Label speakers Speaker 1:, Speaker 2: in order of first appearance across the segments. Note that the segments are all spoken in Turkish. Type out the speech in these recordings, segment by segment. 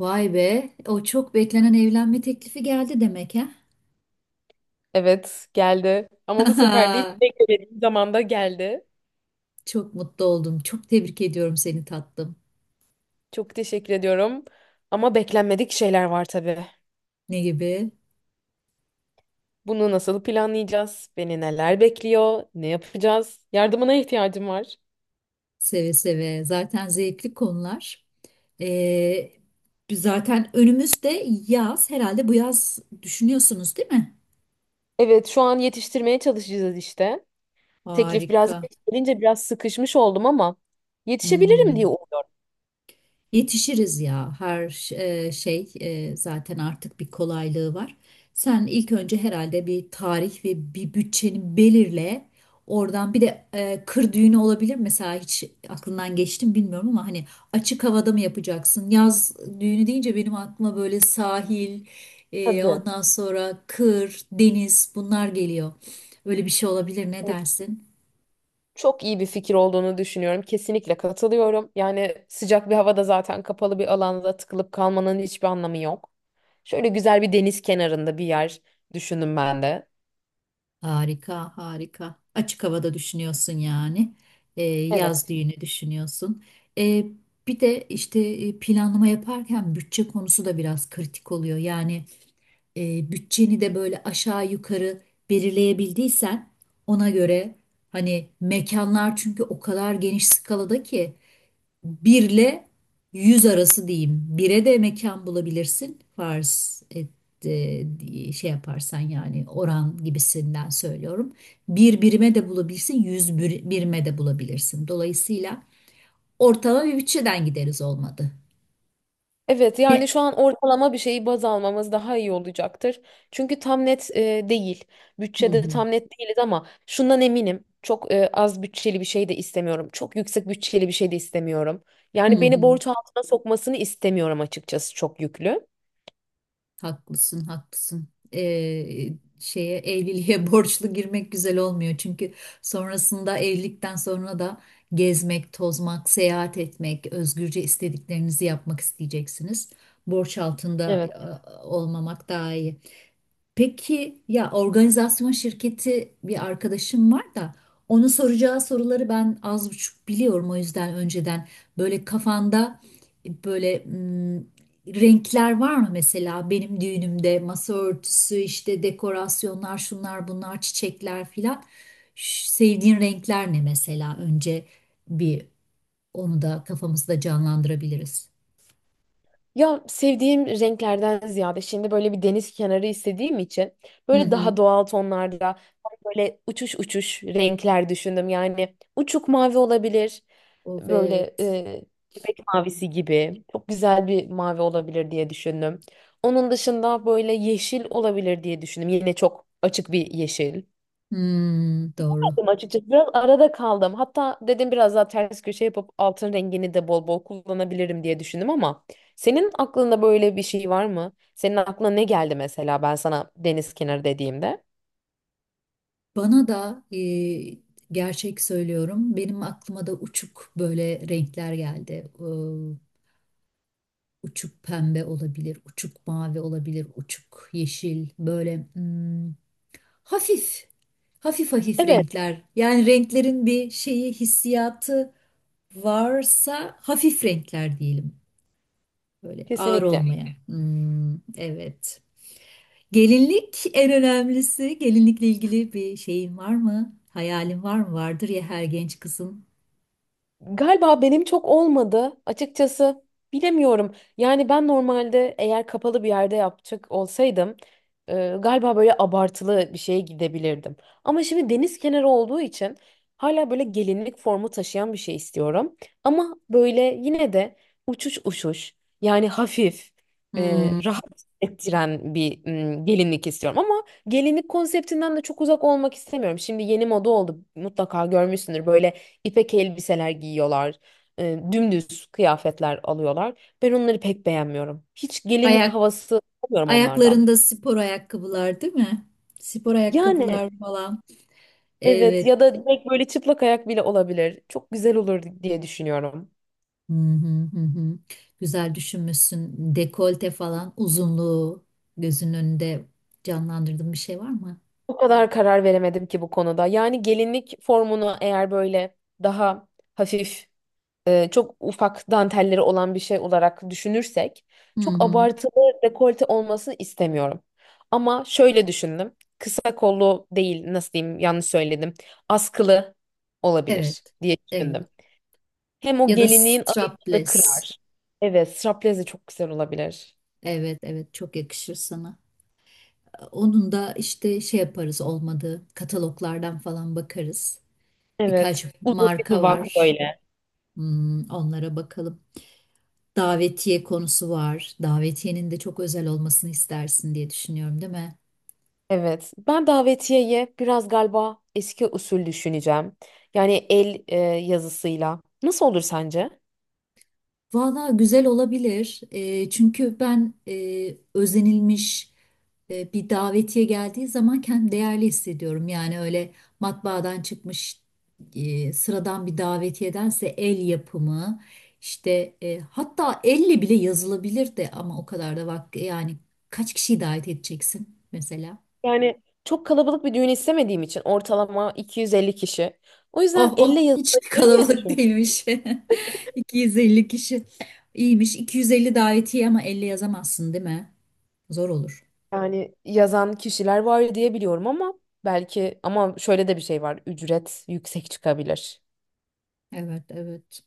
Speaker 1: Vay be, o çok beklenen evlenme teklifi geldi demek ha?
Speaker 2: Evet, geldi. Ama bu sefer değil, beklediğim zamanda geldi.
Speaker 1: Çok mutlu oldum. Çok tebrik ediyorum seni tatlım.
Speaker 2: Çok teşekkür ediyorum. Ama beklenmedik şeyler var tabii.
Speaker 1: Ne gibi?
Speaker 2: Bunu nasıl planlayacağız? Beni neler bekliyor? Ne yapacağız? Yardımına ihtiyacım var.
Speaker 1: Seve seve. Zaten zevkli konular. Ee, Biz zaten önümüzde yaz. Herhalde bu yaz düşünüyorsunuz, değil mi?
Speaker 2: Evet, şu an yetiştirmeye çalışacağız işte. Teklif biraz
Speaker 1: Harika.
Speaker 2: geç gelince biraz sıkışmış oldum ama yetişebilirim diye
Speaker 1: Hmm.
Speaker 2: umuyorum.
Speaker 1: Yetişiriz ya her zaten artık bir kolaylığı var. Sen ilk önce herhalde bir tarih ve bir bütçeni belirle. Oradan bir de kır düğünü olabilir mesela, hiç aklından geçti mi bilmiyorum ama hani açık havada mı yapacaksın? Yaz düğünü deyince benim aklıma böyle sahil,
Speaker 2: Tabii.
Speaker 1: ondan sonra kır, deniz bunlar geliyor. Öyle bir şey olabilir, ne
Speaker 2: Hani,
Speaker 1: dersin?
Speaker 2: çok iyi bir fikir olduğunu düşünüyorum. Kesinlikle katılıyorum. Yani sıcak bir havada zaten kapalı bir alanda tıkılıp kalmanın hiçbir anlamı yok. Şöyle güzel bir deniz kenarında bir yer düşündüm ben de.
Speaker 1: Harika, harika. Açık havada düşünüyorsun yani.
Speaker 2: Evet.
Speaker 1: Yaz düğünü düşünüyorsun. Ee, Bir de işte planlama yaparken bütçe konusu da biraz kritik oluyor. Yani bütçeni de böyle aşağı yukarı belirleyebildiysen, ona göre hani mekanlar, çünkü o kadar geniş skalada ki 1 ile 100 arası diyeyim. 1'e de mekan bulabilirsin. Farz et, diye şey yaparsan, yani oran gibisinden söylüyorum. Bir birime de bulabilirsin, 100 birime de bulabilirsin. Dolayısıyla ortalama bir bütçeden gideriz olmadı.
Speaker 2: Evet,
Speaker 1: Ne?
Speaker 2: yani şu an ortalama bir şeyi baz almamız daha iyi olacaktır. Çünkü tam net değil.
Speaker 1: Hı
Speaker 2: Bütçede
Speaker 1: hı.
Speaker 2: tam net değiliz ama şundan eminim. Çok az bütçeli bir şey de istemiyorum. Çok yüksek bütçeli bir şey de istemiyorum.
Speaker 1: Hı
Speaker 2: Yani beni
Speaker 1: hı.
Speaker 2: borç altına sokmasını istemiyorum, açıkçası çok yüklü.
Speaker 1: Haklısın, haklısın. Ee, Şeye, evliliğe borçlu girmek güzel olmuyor. Çünkü sonrasında, evlilikten sonra da gezmek, tozmak, seyahat etmek, özgürce istediklerinizi yapmak isteyeceksiniz. Borç altında olmamak daha iyi. Peki ya organizasyon şirketi bir arkadaşım var da, onun soracağı soruları ben az buçuk biliyorum, o yüzden önceden böyle kafanda böyle renkler var mı mesela, benim düğünümde masa örtüsü, işte dekorasyonlar, şunlar bunlar, çiçekler filan. Sevdiğin renkler ne mesela? Önce bir onu da kafamızda canlandırabiliriz.
Speaker 2: Ya, sevdiğim renklerden ziyade şimdi böyle bir deniz kenarı istediğim için
Speaker 1: Hı
Speaker 2: böyle
Speaker 1: hı.
Speaker 2: daha doğal tonlarda, böyle uçuş uçuş renkler düşündüm. Yani uçuk mavi olabilir. Böyle
Speaker 1: Evet.
Speaker 2: bebek mavisi gibi çok güzel bir mavi olabilir diye düşündüm. Onun dışında böyle yeşil olabilir diye düşündüm. Yine çok açık bir yeşil
Speaker 1: Hmm, doğru.
Speaker 2: açıkçası. Biraz arada kaldım. Hatta dedim biraz daha ters köşe yapıp altın rengini de bol bol kullanabilirim diye düşündüm, ama senin aklında böyle bir şey var mı? Senin aklına ne geldi mesela ben sana deniz kenarı dediğimde?
Speaker 1: Bana da gerçek söylüyorum, benim aklıma da uçuk böyle renkler geldi. Uçuk pembe olabilir, uçuk mavi olabilir, uçuk yeşil. Böyle hafif, hafif hafif
Speaker 2: Evet,
Speaker 1: renkler. Yani renklerin bir şeyi, hissiyatı varsa, hafif renkler diyelim. Böyle ağır
Speaker 2: kesinlikle.
Speaker 1: olmayan. Kesinlikle. Hmm, evet. Gelinlik en önemlisi. Gelinlikle ilgili bir şeyin var mı? Hayalin var mı? Vardır ya, her genç kızın.
Speaker 2: Galiba benim çok olmadı. Açıkçası bilemiyorum. Yani ben normalde eğer kapalı bir yerde yapacak olsaydım, galiba böyle abartılı bir şeye gidebilirdim. Ama şimdi deniz kenarı olduğu için hala böyle gelinlik formu taşıyan bir şey istiyorum. Ama böyle yine de uçuş uçuş, yani hafif,
Speaker 1: Hmm.
Speaker 2: rahat ettiren bir gelinlik istiyorum. Ama gelinlik konseptinden de çok uzak olmak istemiyorum. Şimdi yeni moda oldu, mutlaka görmüşsündür böyle. İpek elbiseler giyiyorlar. Dümdüz kıyafetler alıyorlar. Ben onları pek beğenmiyorum. Hiç gelinlik
Speaker 1: Ayak,
Speaker 2: havası alamıyorum onlardan.
Speaker 1: Ayaklarında spor ayakkabılar değil mi? Spor
Speaker 2: Yani
Speaker 1: ayakkabılar falan.
Speaker 2: evet,
Speaker 1: Evet.
Speaker 2: ya da direkt böyle çıplak ayak bile olabilir. Çok güzel olur diye düşünüyorum.
Speaker 1: Hı hı, hı hı. Güzel düşünmüşsün. Dekolte falan, uzunluğu gözünün önünde canlandırdığın bir şey var mı?
Speaker 2: O kadar karar veremedim ki bu konuda. Yani gelinlik formunu eğer böyle daha hafif, çok ufak dantelleri olan bir şey olarak düşünürsek
Speaker 1: Hı
Speaker 2: çok
Speaker 1: hı.
Speaker 2: abartılı dekolte olmasını istemiyorum. Ama şöyle düşündüm. Kısa kollu değil, nasıl diyeyim, yanlış söyledim. Askılı
Speaker 1: Evet.
Speaker 2: olabilir diye
Speaker 1: Evet.
Speaker 2: düşündüm. Hem o
Speaker 1: Ya da
Speaker 2: gelinliğin ağırlığını
Speaker 1: strapless.
Speaker 2: kırar. Evet, straplez de çok güzel olabilir.
Speaker 1: Evet, evet, çok yakışır sana. Onun da işte şey yaparız olmadı. Kataloglardan falan bakarız.
Speaker 2: Evet,
Speaker 1: Birkaç
Speaker 2: uzun bir
Speaker 1: marka
Speaker 2: duvak
Speaker 1: var.
Speaker 2: böyle.
Speaker 1: Hmm, onlara bakalım. Davetiye konusu var. Davetiyenin de çok özel olmasını istersin diye düşünüyorum, değil mi?
Speaker 2: Evet, ben davetiyeye biraz galiba eski usul düşüneceğim. Yani el yazısıyla. Nasıl olur sence?
Speaker 1: Valla güzel olabilir. Çünkü ben özenilmiş bir davetiye geldiği zaman kendimi değerli hissediyorum. Yani öyle matbaadan çıkmış sıradan bir davetiyedense el yapımı işte hatta elle bile yazılabilir de, ama o kadar da vakti, yani kaç kişiyi davet edeceksin mesela?
Speaker 2: Yani çok kalabalık bir düğün istemediğim için ortalama 250 kişi. O yüzden
Speaker 1: Oh
Speaker 2: elle
Speaker 1: oh, hiç
Speaker 2: yazılabilir diye
Speaker 1: kalabalık
Speaker 2: düşünüyorum.
Speaker 1: değilmiş. 250 kişi. İyiymiş. 250 davetiye ama 50 yazamazsın değil mi? Zor olur.
Speaker 2: Yani yazan kişiler var diye biliyorum ama belki, ama şöyle de bir şey var. Ücret yüksek çıkabilir.
Speaker 1: Evet, evet.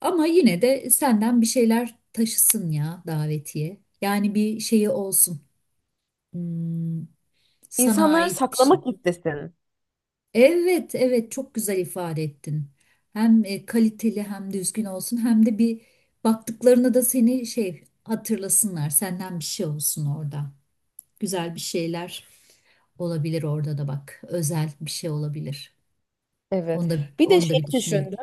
Speaker 1: Ama yine de senden bir şeyler taşısın ya davetiye. Yani bir şeyi olsun. Hmm, sana
Speaker 2: İnsanlar
Speaker 1: ait bir şey.
Speaker 2: saklamak istesin.
Speaker 1: Evet, evet, çok güzel ifade ettin. Hem kaliteli, hem düzgün olsun, hem de bir baktıklarına da seni şey hatırlasınlar. Senden bir şey olsun orada. Güzel bir şeyler olabilir orada da bak. Özel bir şey olabilir.
Speaker 2: Evet.
Speaker 1: Onu da,
Speaker 2: Bir de
Speaker 1: onu da
Speaker 2: şey
Speaker 1: bir düşünelim.
Speaker 2: düşün.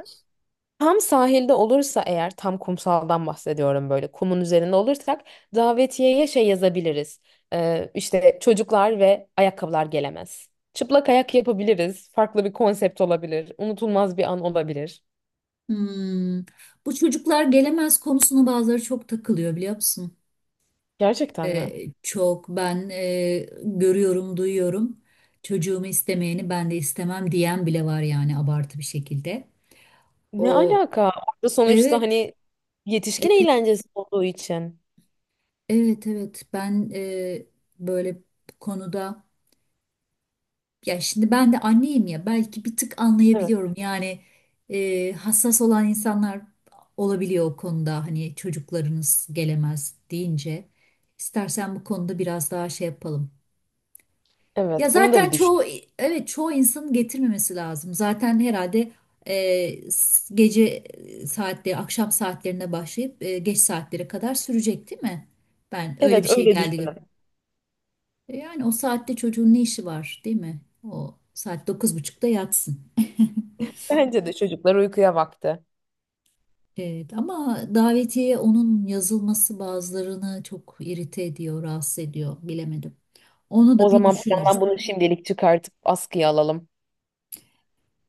Speaker 2: Tam sahilde olursa, eğer tam kumsaldan bahsediyorum, böyle kumun üzerinde olursak davetiyeye şey yazabiliriz. İşte çocuklar ve ayakkabılar gelemez. Çıplak ayak yapabiliriz. Farklı bir konsept olabilir. Unutulmaz bir an olabilir.
Speaker 1: Hmm. Bu çocuklar gelemez konusuna bazıları çok takılıyor, biliyor musun?
Speaker 2: Gerçekten mi?
Speaker 1: Çok ben görüyorum, duyuyorum. Çocuğumu istemeyeni ben de istemem diyen bile var, yani abartı bir şekilde.
Speaker 2: Ne
Speaker 1: O
Speaker 2: alaka? Orada sonuçta
Speaker 1: evet,
Speaker 2: hani yetişkin
Speaker 1: e-
Speaker 2: eğlencesi olduğu için.
Speaker 1: evet, evet. Ben böyle bu konuda. Ya şimdi ben de anneyim ya, belki bir tık
Speaker 2: Evet.
Speaker 1: anlayabiliyorum yani hassas olan insanlar olabiliyor o konuda, hani çocuklarınız gelemez deyince. İstersen bu konuda biraz daha şey yapalım. Ya
Speaker 2: Evet, bunu da
Speaker 1: zaten
Speaker 2: bir düşün.
Speaker 1: çoğu, evet, çoğu insanın getirmemesi lazım zaten herhalde. Gece saatleri, akşam saatlerine başlayıp geç saatlere kadar sürecek değil mi? Ben öyle bir
Speaker 2: Evet,
Speaker 1: şey
Speaker 2: öyle
Speaker 1: geldi.
Speaker 2: düşünün.
Speaker 1: Yani o saatte çocuğun ne işi var değil mi? O saat dokuz buçukta yatsın.
Speaker 2: Bence de çocuklar uykuya vakti.
Speaker 1: Evet, ama davetiye, onun yazılması bazılarını çok irite ediyor, rahatsız ediyor. Bilemedim. Onu
Speaker 2: O
Speaker 1: da bir
Speaker 2: zaman plandan
Speaker 1: düşünürüz.
Speaker 2: bunu şimdilik çıkartıp askıya alalım.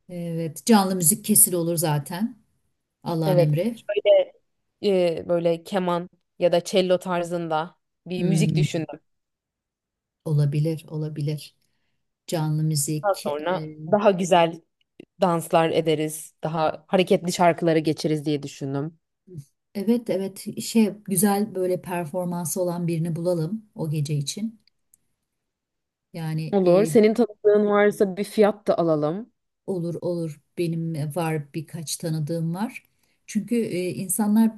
Speaker 1: Evet, canlı müzik kesil olur zaten. Allah'ın
Speaker 2: Evet.
Speaker 1: emri.
Speaker 2: Şöyle böyle keman ya da cello tarzında bir müzik
Speaker 1: Hmm,
Speaker 2: düşündüm.
Speaker 1: olabilir, olabilir. Canlı
Speaker 2: Daha
Speaker 1: müzik.
Speaker 2: sonra daha güzel danslar ederiz, daha hareketli şarkılara geçeriz diye düşündüm.
Speaker 1: Evet, evet. Şey, güzel böyle performansı olan birini bulalım o gece için. Yani
Speaker 2: Olur. Senin tanıdığın varsa bir fiyat da alalım.
Speaker 1: olur, olur. Benim var, birkaç tanıdığım var. Çünkü insanlar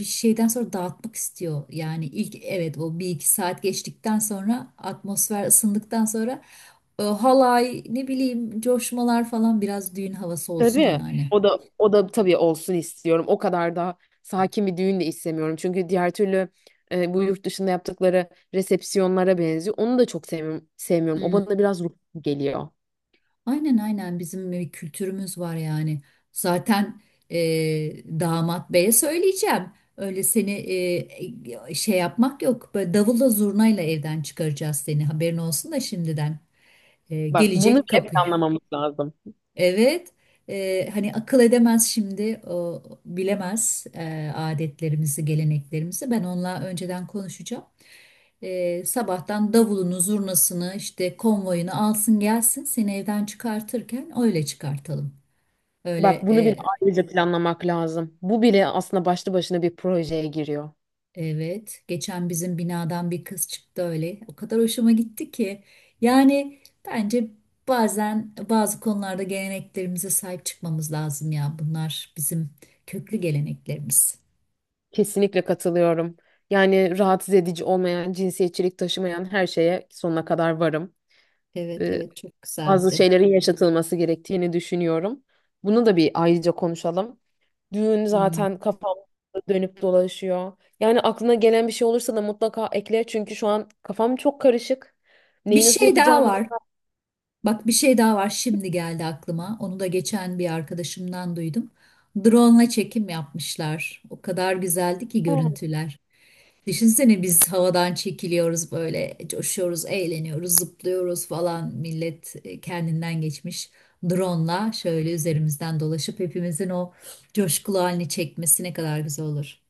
Speaker 1: bir şeyden sonra dağıtmak istiyor. Yani ilk, evet, o bir iki saat geçtikten sonra, atmosfer ısındıktan sonra halay, ne bileyim, coşmalar falan, biraz düğün havası olsun
Speaker 2: Tabii.
Speaker 1: yani.
Speaker 2: O da, o da tabii olsun istiyorum. O kadar da sakin bir düğün de istemiyorum. Çünkü diğer türlü bu yurt dışında yaptıkları resepsiyonlara benziyor. Onu da çok sevmiyorum. Sevmiyorum. O bana biraz ruh geliyor.
Speaker 1: Aynen, aynen, bizim bir kültürümüz var yani. Zaten e, damat beye söyleyeceğim. Öyle seni şey yapmak yok. Böyle davulla zurnayla evden çıkaracağız seni. Haberin olsun da şimdiden. E,
Speaker 2: Bak, bunu
Speaker 1: gelecek
Speaker 2: bile
Speaker 1: kapı.
Speaker 2: planlamamız lazım.
Speaker 1: Evet, hani akıl edemez şimdi, o bilemez adetlerimizi, geleneklerimizi. Ben onunla önceden konuşacağım. E, sabahtan davulunu, zurnasını, işte konvoyunu alsın gelsin, seni evden çıkartırken öyle çıkartalım.
Speaker 2: Bak,
Speaker 1: Öyle.
Speaker 2: bunu bile ayrıca planlamak lazım. Bu bile aslında başlı başına bir projeye giriyor.
Speaker 1: Evet, geçen bizim binadan bir kız çıktı öyle. O kadar hoşuma gitti ki. Yani bence bazen bazı konularda geleneklerimize sahip çıkmamız lazım ya. Bunlar bizim köklü geleneklerimiz.
Speaker 2: Kesinlikle katılıyorum. Yani rahatsız edici olmayan, cinsiyetçilik taşımayan her şeye sonuna kadar varım.
Speaker 1: Evet,
Speaker 2: Ee,
Speaker 1: evet, çok
Speaker 2: bazı
Speaker 1: güzeldi.
Speaker 2: şeylerin yaşatılması gerektiğini düşünüyorum. Bunu da bir ayrıca konuşalım. Düğün
Speaker 1: Hmm.
Speaker 2: zaten kafamda dönüp dolaşıyor. Yani aklına gelen bir şey olursa da mutlaka ekle. Çünkü şu an kafam çok karışık.
Speaker 1: Bir
Speaker 2: Neyi nasıl
Speaker 1: şey daha
Speaker 2: yapacağımı da...
Speaker 1: var. Bak, bir şey daha var, şimdi geldi aklıma. Onu da geçen bir arkadaşımdan duydum. Drone'la çekim yapmışlar. O kadar güzeldi ki
Speaker 2: Aa,
Speaker 1: görüntüler. Düşünsene biz havadan çekiliyoruz, böyle coşuyoruz, eğleniyoruz, zıplıyoruz falan. Millet kendinden geçmiş. Drone'la şöyle üzerimizden dolaşıp hepimizin o coşkulu halini çekmesi ne kadar güzel olur.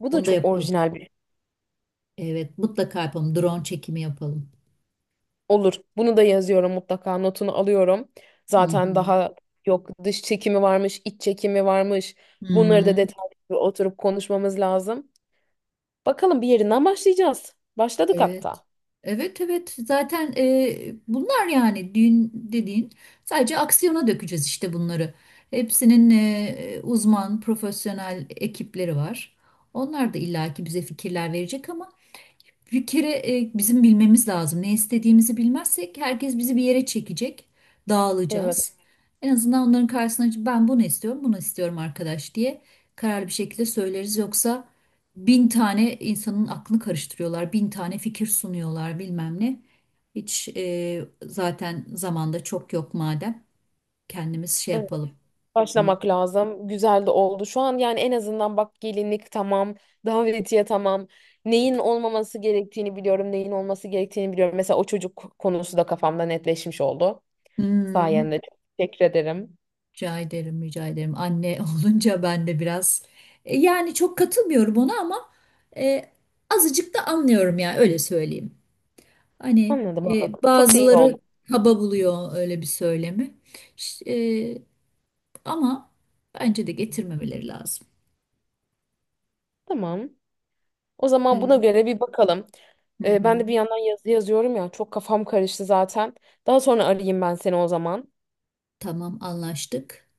Speaker 2: bu da
Speaker 1: Onu da
Speaker 2: çok
Speaker 1: yapalım.
Speaker 2: orijinal.
Speaker 1: Evet, mutlaka yapalım. Drone çekimi yapalım.
Speaker 2: Olur. Bunu da yazıyorum mutlaka. Notunu alıyorum.
Speaker 1: Hı
Speaker 2: Zaten
Speaker 1: hı.
Speaker 2: daha yok, dış çekimi varmış, iç çekimi varmış.
Speaker 1: Hı
Speaker 2: Bunları da
Speaker 1: hı.
Speaker 2: detaylı bir oturup konuşmamız lazım. Bakalım, bir yerinden başlayacağız. Başladık
Speaker 1: Evet.
Speaker 2: hatta.
Speaker 1: Evet, evet, zaten bunlar yani düğün dediğin, sadece aksiyona dökeceğiz işte bunları. Hepsinin uzman, profesyonel ekipleri var. Onlar da illaki bize fikirler verecek ama bir kere bizim bilmemiz lazım. Ne istediğimizi bilmezsek herkes bizi bir yere çekecek.
Speaker 2: Evet.
Speaker 1: Dağılacağız. En azından onların karşısına çıkıp, ben bunu istiyorum, bunu istiyorum arkadaş diye kararlı bir şekilde söyleriz. Yoksa bin tane insanın aklını karıştırıyorlar, bin tane fikir sunuyorlar bilmem ne. Hiç zaten zamanda çok yok, madem kendimiz şey yapalım.
Speaker 2: Başlamak lazım. Güzel de oldu. Şu an yani en azından bak, gelinlik tamam, davetiye tamam. Neyin olmaması gerektiğini biliyorum, neyin olması gerektiğini biliyorum. Mesela o çocuk konusu da kafamda netleşmiş oldu
Speaker 1: Hmm.
Speaker 2: sayende. Çok teşekkür ederim.
Speaker 1: Rica ederim, rica ederim. Anne olunca ben de biraz yani çok katılmıyorum ona, ama e, azıcık da anlıyorum ya, öyle söyleyeyim. Hani
Speaker 2: Anladım, anladım. Çok da iyi oldu.
Speaker 1: bazıları kaba buluyor öyle bir söylemi. Ş- e, Ama bence de getirmemeleri lazım.
Speaker 2: Tamam. O zaman
Speaker 1: Evet.
Speaker 2: buna göre bir bakalım.
Speaker 1: Hı
Speaker 2: Ee,
Speaker 1: hı.
Speaker 2: ben de bir yandan yazı yazıyorum ya. Çok kafam karıştı zaten. Daha sonra arayayım ben seni o zaman.
Speaker 1: Tamam, anlaştık.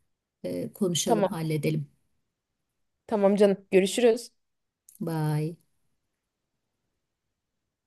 Speaker 1: E, konuşalım,
Speaker 2: Tamam.
Speaker 1: halledelim.
Speaker 2: Tamam canım. Görüşürüz.
Speaker 1: Bye.